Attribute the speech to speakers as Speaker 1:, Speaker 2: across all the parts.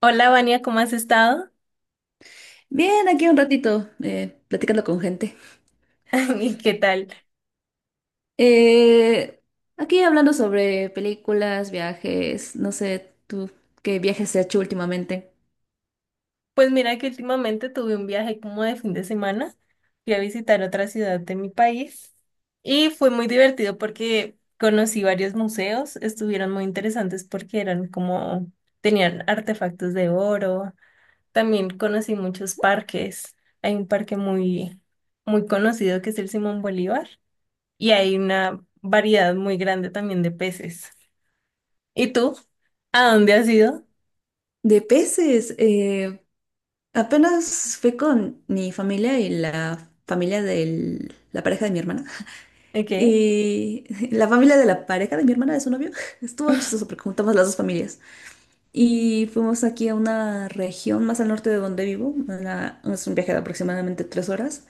Speaker 1: Hola, Vania, ¿cómo has estado?
Speaker 2: Bien, aquí un ratito, platicando con gente.
Speaker 1: ¿Y qué tal?
Speaker 2: Eh, Aquí hablando sobre películas, viajes, no sé, tú, ¿qué viajes has hecho últimamente?
Speaker 1: Pues mira que últimamente tuve un viaje como de fin de semana. Fui a visitar otra ciudad de mi país y fue muy divertido porque conocí varios museos. Estuvieron muy interesantes porque eran como, tenían artefactos de oro. También conocí muchos parques. Hay un parque muy, muy conocido que es el Simón Bolívar y hay una variedad muy grande también de peces. ¿Y tú? ¿A dónde has ido?
Speaker 2: De peces, apenas fui con mi familia y la familia de la pareja de mi hermana.
Speaker 1: ¿De qué?
Speaker 2: Y la familia de la pareja de mi hermana, de su novio, estuvo chistoso porque juntamos las dos familias. Y fuimos aquí a una región más al norte de donde vivo, es un viaje de aproximadamente 3 horas.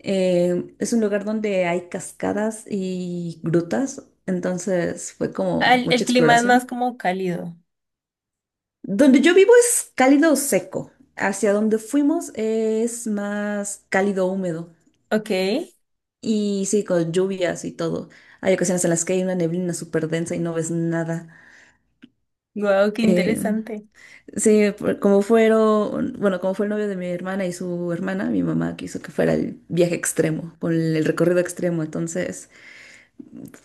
Speaker 2: Es un lugar donde hay cascadas y grutas, entonces fue como
Speaker 1: El
Speaker 2: mucha
Speaker 1: clima es más
Speaker 2: exploración.
Speaker 1: como cálido.
Speaker 2: Donde yo vivo es cálido seco, hacia donde fuimos es más cálido húmedo,
Speaker 1: Ok,
Speaker 2: y sí, con lluvias y todo. Hay ocasiones en las que hay una neblina súper densa y no ves nada.
Speaker 1: wow, qué
Speaker 2: Eh,
Speaker 1: interesante.
Speaker 2: sí, como fueron, bueno, como fue el novio de mi hermana y su hermana, mi mamá quiso que fuera el viaje extremo, con el recorrido extremo, entonces...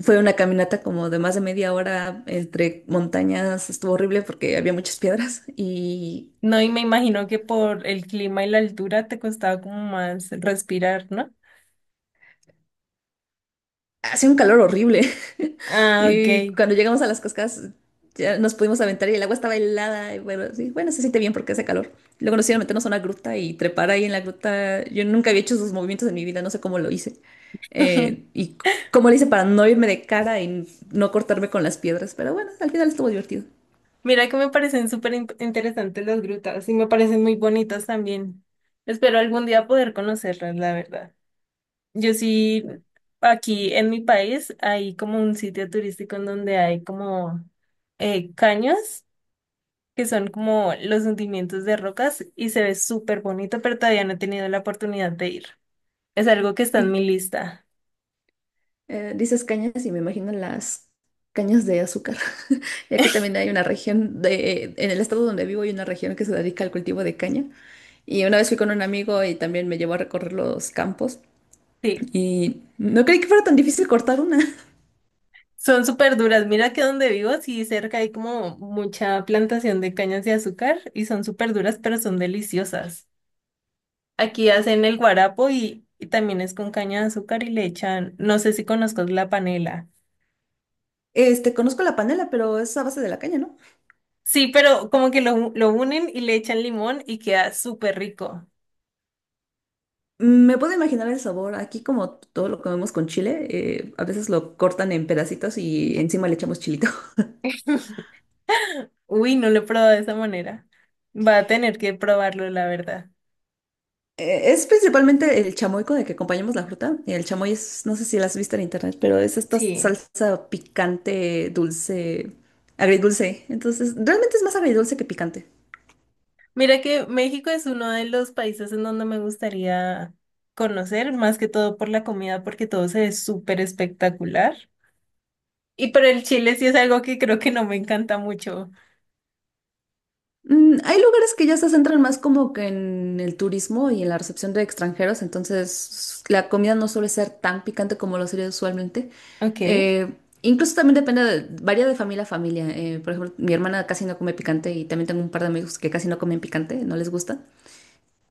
Speaker 2: Fue una caminata como de más de media hora entre montañas, estuvo horrible porque había muchas piedras y
Speaker 1: No, y me imagino que por el clima y la altura te costaba como más respirar, ¿no?
Speaker 2: hacía un calor horrible.
Speaker 1: Ah,
Speaker 2: Y
Speaker 1: ok.
Speaker 2: cuando llegamos a las cascadas ya nos pudimos aventar y el agua estaba helada y bueno, sí, bueno, se siente bien porque hace calor. Luego nos hicieron meternos a una gruta y trepar ahí en la gruta. Yo nunca había hecho esos movimientos en mi vida, no sé cómo lo hice. Eh, y c- Cómo lo hice para no irme de cara y no cortarme con las piedras, pero bueno, al final estuvo divertido.
Speaker 1: Mira que me parecen súper interesantes las grutas y me parecen muy bonitas también. Espero algún día poder conocerlas, la verdad. Yo sí, aquí en mi país hay como un sitio turístico en donde hay como caños, que son como los hundimientos de rocas y se ve súper bonito, pero todavía no he tenido la oportunidad de ir. Es algo que está en mi lista.
Speaker 2: Dices cañas y me imagino las cañas de azúcar. Y aquí también hay una región en el estado donde vivo hay una región que se dedica al cultivo de caña. Y una vez fui con un amigo y también me llevó a recorrer los campos,
Speaker 1: Sí,
Speaker 2: y no creí que fuera tan difícil cortar una.
Speaker 1: son súper duras. Mira que donde vivo, sí, cerca hay como mucha plantación de cañas de azúcar y son súper duras, pero son deliciosas. Aquí hacen el guarapo y también es con caña de azúcar y le echan, no sé si conozcas la panela.
Speaker 2: Este, conozco la panela, pero es a base de la caña, ¿no?
Speaker 1: Sí, pero como que lo unen y le echan limón y queda súper rico.
Speaker 2: Me puedo imaginar el sabor. Aquí como todo lo comemos con chile, a veces lo cortan en pedacitos y encima le echamos chilito.
Speaker 1: Uy, no lo he probado de esa manera. Va a tener que probarlo, la verdad.
Speaker 2: Es principalmente el chamoy con el que acompañamos la fruta. El chamoy es, no sé si la has visto en internet, pero es esta
Speaker 1: Sí.
Speaker 2: salsa picante, dulce, agridulce. Entonces, realmente es más agridulce que picante.
Speaker 1: Mira que México es uno de los países en donde me gustaría conocer, más que todo por la comida, porque todo se ve súper espectacular. Y pero el chile sí es algo que creo que no me encanta mucho.
Speaker 2: Mm, hay lugares que ya se centran más como que en el turismo y en la recepción de extranjeros, entonces la comida no suele ser tan picante como lo sería usualmente.
Speaker 1: Ok.
Speaker 2: Eh, Incluso también depende, varía de familia a familia. Por ejemplo, mi hermana casi no come picante y también tengo un par de amigos que casi no comen picante, no les gusta.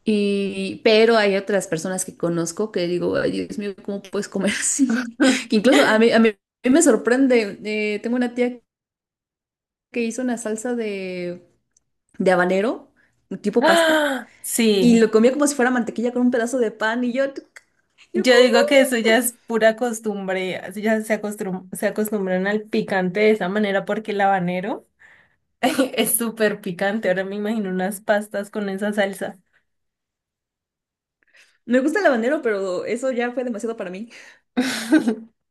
Speaker 2: Pero hay otras personas que conozco que digo, ay, Dios mío, ¿cómo puedes comer así? Que incluso a mí me sorprende. Tengo una tía que hizo una salsa de habanero, tipo pasta,
Speaker 1: Ah,
Speaker 2: y lo
Speaker 1: sí.
Speaker 2: comía como si fuera mantequilla con un pedazo de pan. Y yo
Speaker 1: Yo digo que eso ya
Speaker 2: como.
Speaker 1: es pura costumbre, así ya se acostumbran al picante de esa manera porque el habanero. Es súper picante, ahora me imagino unas pastas con esa salsa.
Speaker 2: Me gusta el habanero, pero eso ya fue demasiado para mí.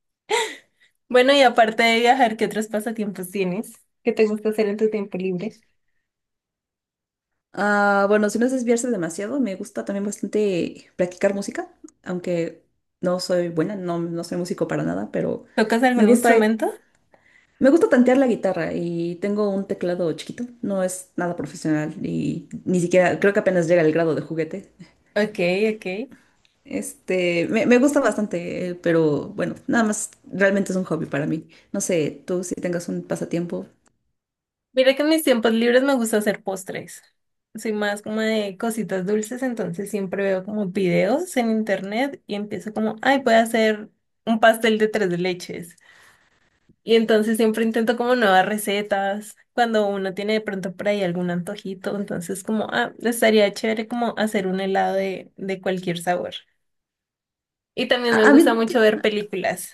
Speaker 1: Bueno, y aparte de viajar, ¿qué otros pasatiempos tienes? ¿Qué te gusta hacer en tu tiempo libre?
Speaker 2: Ah, bueno, si no es desviarse demasiado, me gusta también bastante practicar música, aunque no soy buena, no soy músico para nada, pero
Speaker 1: ¿Tocas
Speaker 2: me
Speaker 1: algún
Speaker 2: gusta.
Speaker 1: instrumento?
Speaker 2: Me gusta tantear la guitarra y tengo un teclado chiquito, no es nada profesional y ni siquiera, creo que apenas llega al grado de juguete.
Speaker 1: Ok, ok.
Speaker 2: Me gusta bastante, pero bueno, nada más realmente es un hobby para mí. No sé, tú si tengas un pasatiempo.
Speaker 1: Mira que en mis tiempos libres me gusta hacer postres. Soy más como de cositas dulces, entonces siempre veo como videos en internet y empiezo como, ay, voy a hacer un pastel de tres leches. Y entonces siempre intento como nuevas recetas, cuando uno tiene de pronto por ahí algún antojito, entonces como, ah, estaría chévere como hacer un helado de cualquier sabor. Y también me
Speaker 2: A mí,
Speaker 1: gusta
Speaker 2: t-
Speaker 1: mucho ver películas.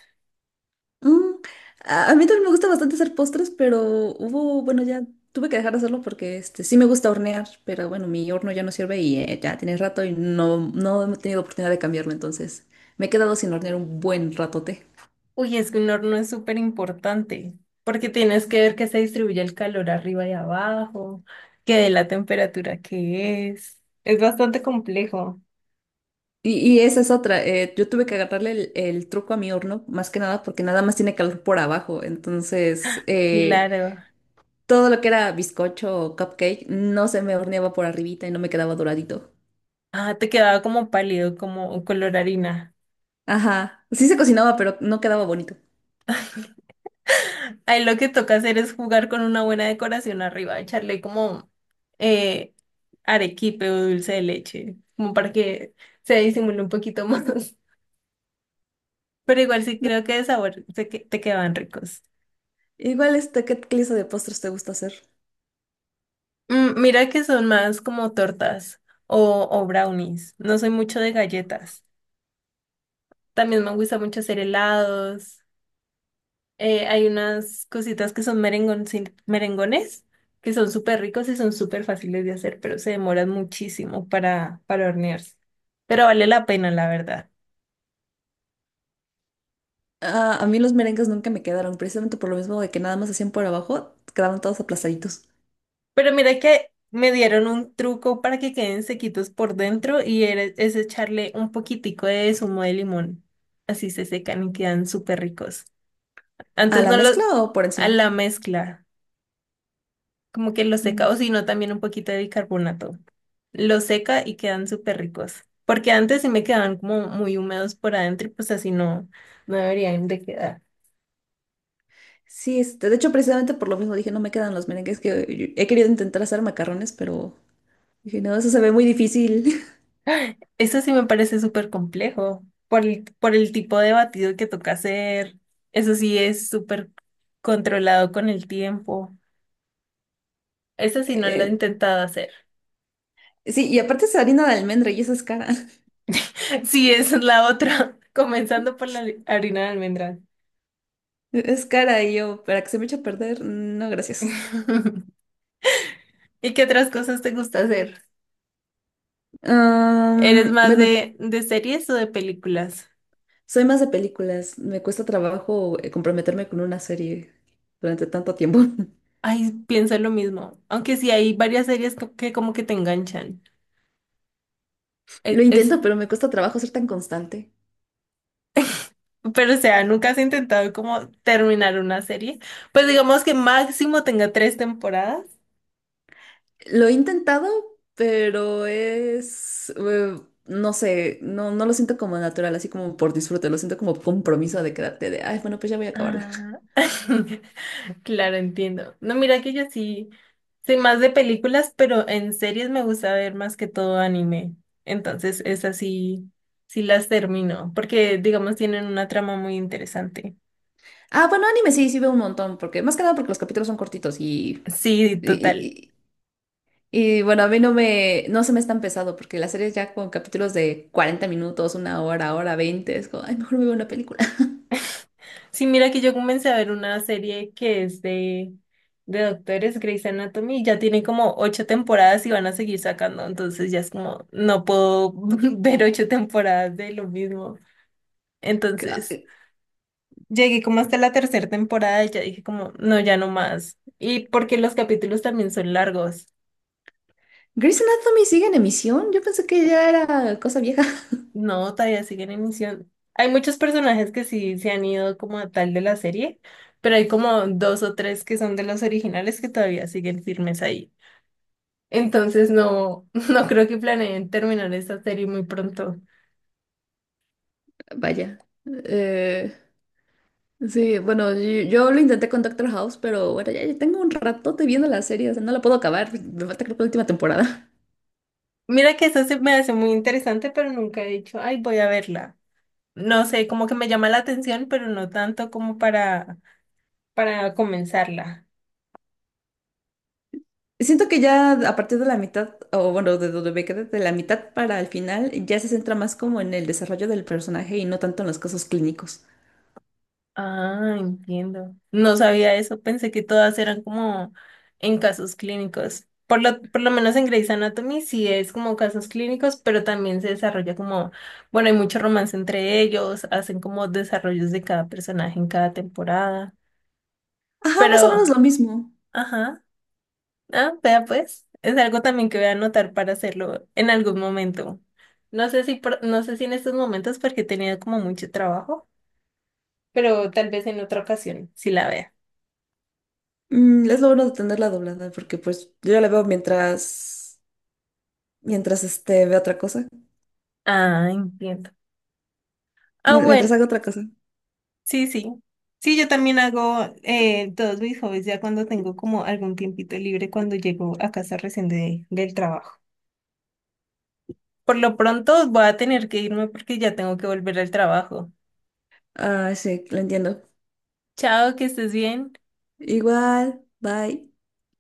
Speaker 2: mm, a mí también me gusta bastante hacer postres, pero hubo, bueno, ya tuve que dejar de hacerlo porque este, sí me gusta hornear, pero bueno, mi horno ya no sirve y ya tiene rato y no he tenido oportunidad de cambiarlo, entonces me he quedado sin hornear un buen ratote.
Speaker 1: Uy, es que un horno es súper importante, porque tienes que ver que se distribuye el calor arriba y abajo, que de la temperatura que es. Es bastante complejo.
Speaker 2: Y esa es otra. Yo tuve que agarrarle el truco a mi horno, más que nada, porque nada más tiene calor por abajo. Entonces,
Speaker 1: Claro.
Speaker 2: todo lo que era bizcocho o cupcake no se me horneaba por arribita y no me quedaba doradito.
Speaker 1: Ah, te quedaba como pálido, como color harina.
Speaker 2: Ajá. Sí se cocinaba, pero no quedaba bonito.
Speaker 1: Ahí lo que toca hacer es jugar con una buena decoración arriba, echarle como eh, arequipe o dulce de leche, como para que se disimule un poquito más. Pero igual sí creo que de sabor te quedaban ricos.
Speaker 2: Igual, este, ¿qué clase de postres te gusta hacer?
Speaker 1: Mm, mira que son más como tortas o brownies. No soy mucho de galletas. También me gusta mucho hacer helados. Hay unas cositas que son merengones, que son súper ricos y son súper fáciles de hacer, pero se demoran muchísimo para hornearse. Pero vale la pena, la verdad.
Speaker 2: Ah, a mí los merengues nunca me quedaron, precisamente por lo mismo de que nada más hacían por abajo, quedaban todos aplastaditos.
Speaker 1: Pero mira que me dieron un truco para que queden sequitos por dentro y es echarle un poquitico de zumo de limón. Así se secan y quedan súper ricos.
Speaker 2: ¿A
Speaker 1: Antes
Speaker 2: la
Speaker 1: no
Speaker 2: mezcla
Speaker 1: los...
Speaker 2: o por
Speaker 1: A
Speaker 2: encima?
Speaker 1: la mezcla. Como que lo seca, o si no, también un poquito de bicarbonato. Lo seca y quedan súper ricos. Porque antes sí me quedaban como muy húmedos por adentro y pues así no, no deberían de quedar.
Speaker 2: Sí, este, de hecho, precisamente por lo mismo dije, no me quedan los merengues que he querido intentar hacer macarrones, pero dije, no, eso se ve muy difícil.
Speaker 1: Eso sí me parece súper complejo por el tipo de batido que toca hacer. Eso sí es súper controlado con el tiempo. Eso sí no lo he
Speaker 2: Eh,
Speaker 1: intentado hacer.
Speaker 2: sí, y aparte es harina de almendra y esa es cara.
Speaker 1: Sí, esa es la otra, comenzando por la harina de almendras.
Speaker 2: Es cara y yo, para que se me eche a perder, no, gracias.
Speaker 1: ¿Y qué otras cosas te gusta hacer? ¿Eres
Speaker 2: Am,
Speaker 1: más
Speaker 2: bueno,
Speaker 1: de series o de películas?
Speaker 2: soy más de películas. Me cuesta trabajo comprometerme con una serie durante tanto tiempo.
Speaker 1: Ay, pienso lo mismo. Aunque sí hay varias series que, como que te enganchan.
Speaker 2: Lo
Speaker 1: Es,
Speaker 2: intento, pero me cuesta trabajo ser tan constante.
Speaker 1: pero o sea, ¿nunca has intentado como terminar una serie? Pues digamos que máximo tenga tres temporadas.
Speaker 2: Lo he intentado, pero es, no sé, no lo siento como natural, así como por disfrute, lo siento como compromiso de quedarte de, ay, bueno, pues ya voy a acabarla.
Speaker 1: Ah, claro, entiendo. No, mira que yo sí soy más de películas, pero en series me gusta ver más que todo anime. Entonces, esas sí, sí las termino, porque digamos tienen una trama muy interesante.
Speaker 2: Ah, bueno, anime sí, sí veo un montón, porque más que nada porque los capítulos son cortitos
Speaker 1: Sí,
Speaker 2: y,
Speaker 1: total.
Speaker 2: y- y, bueno, a mí no me, no se me es tan pesado, porque las series ya con capítulos de 40 minutos, una hora, hora 20 es como, ay, mejor me veo una película.
Speaker 1: Sí, mira que yo comencé a ver una serie que es de doctores, Grey's Anatomy, y ya tiene como ocho temporadas y van a seguir sacando, entonces ya es como, no puedo ver ocho temporadas de lo mismo. Entonces,
Speaker 2: Ca-
Speaker 1: llegué como hasta la tercera temporada y ya dije como, no, ya no más. Y porque los capítulos también son largos.
Speaker 2: Grey's Anatomy sigue en emisión, yo pensé que ya era cosa vieja.
Speaker 1: No, todavía siguen en emisión. Hay muchos personajes que sí se han ido como a tal de la serie, pero hay como dos o tres que son de los originales que todavía siguen firmes ahí. Entonces no, no creo que planeen terminar esta serie muy pronto.
Speaker 2: Vaya. eh, Sí, bueno, yo lo intenté con Doctor House, pero bueno, ya tengo un ratote viendo la serie, o sea, no la puedo acabar, me falta creo que la última temporada.
Speaker 1: Mira que eso se me hace muy interesante, pero nunca he dicho, ay, voy a verla. No sé, como que me llama la atención, pero no tanto como para comenzarla.
Speaker 2: Siento que ya a partir de la mitad, o bueno, de donde me quedé, de la mitad para el final, ya se centra más como en el desarrollo del personaje y no tanto en los casos clínicos.
Speaker 1: Ah, entiendo. No sabía eso, pensé que todas eran como en casos clínicos. Por lo menos en Grey's Anatomy sí es como casos clínicos, pero también se desarrolla como, bueno, hay mucho romance entre ellos, hacen como desarrollos de cada personaje en cada temporada.
Speaker 2: Ajá, más o
Speaker 1: Pero,
Speaker 2: menos lo mismo.
Speaker 1: ajá, ah, vea pues, es algo también que voy a anotar para hacerlo en algún momento. No sé si, no sé si en estos momentos porque he tenido como mucho trabajo, pero tal vez en otra ocasión, si la vea.
Speaker 2: Mm, es lo bueno de tenerla doblada, porque pues yo ya la veo mientras, mientras este, veo otra cosa,
Speaker 1: Ah, entiendo. Ah,
Speaker 2: mientras
Speaker 1: bueno,
Speaker 2: hago otra cosa.
Speaker 1: sí, sí. Sí, yo también hago todos mis hobbies ya cuando tengo como algún tiempito libre cuando llego a casa recién del trabajo. Por lo pronto voy a tener que irme porque ya tengo que volver al trabajo.
Speaker 2: Ah, sí, lo entiendo.
Speaker 1: Chao, que estés bien.
Speaker 2: Igual, bye.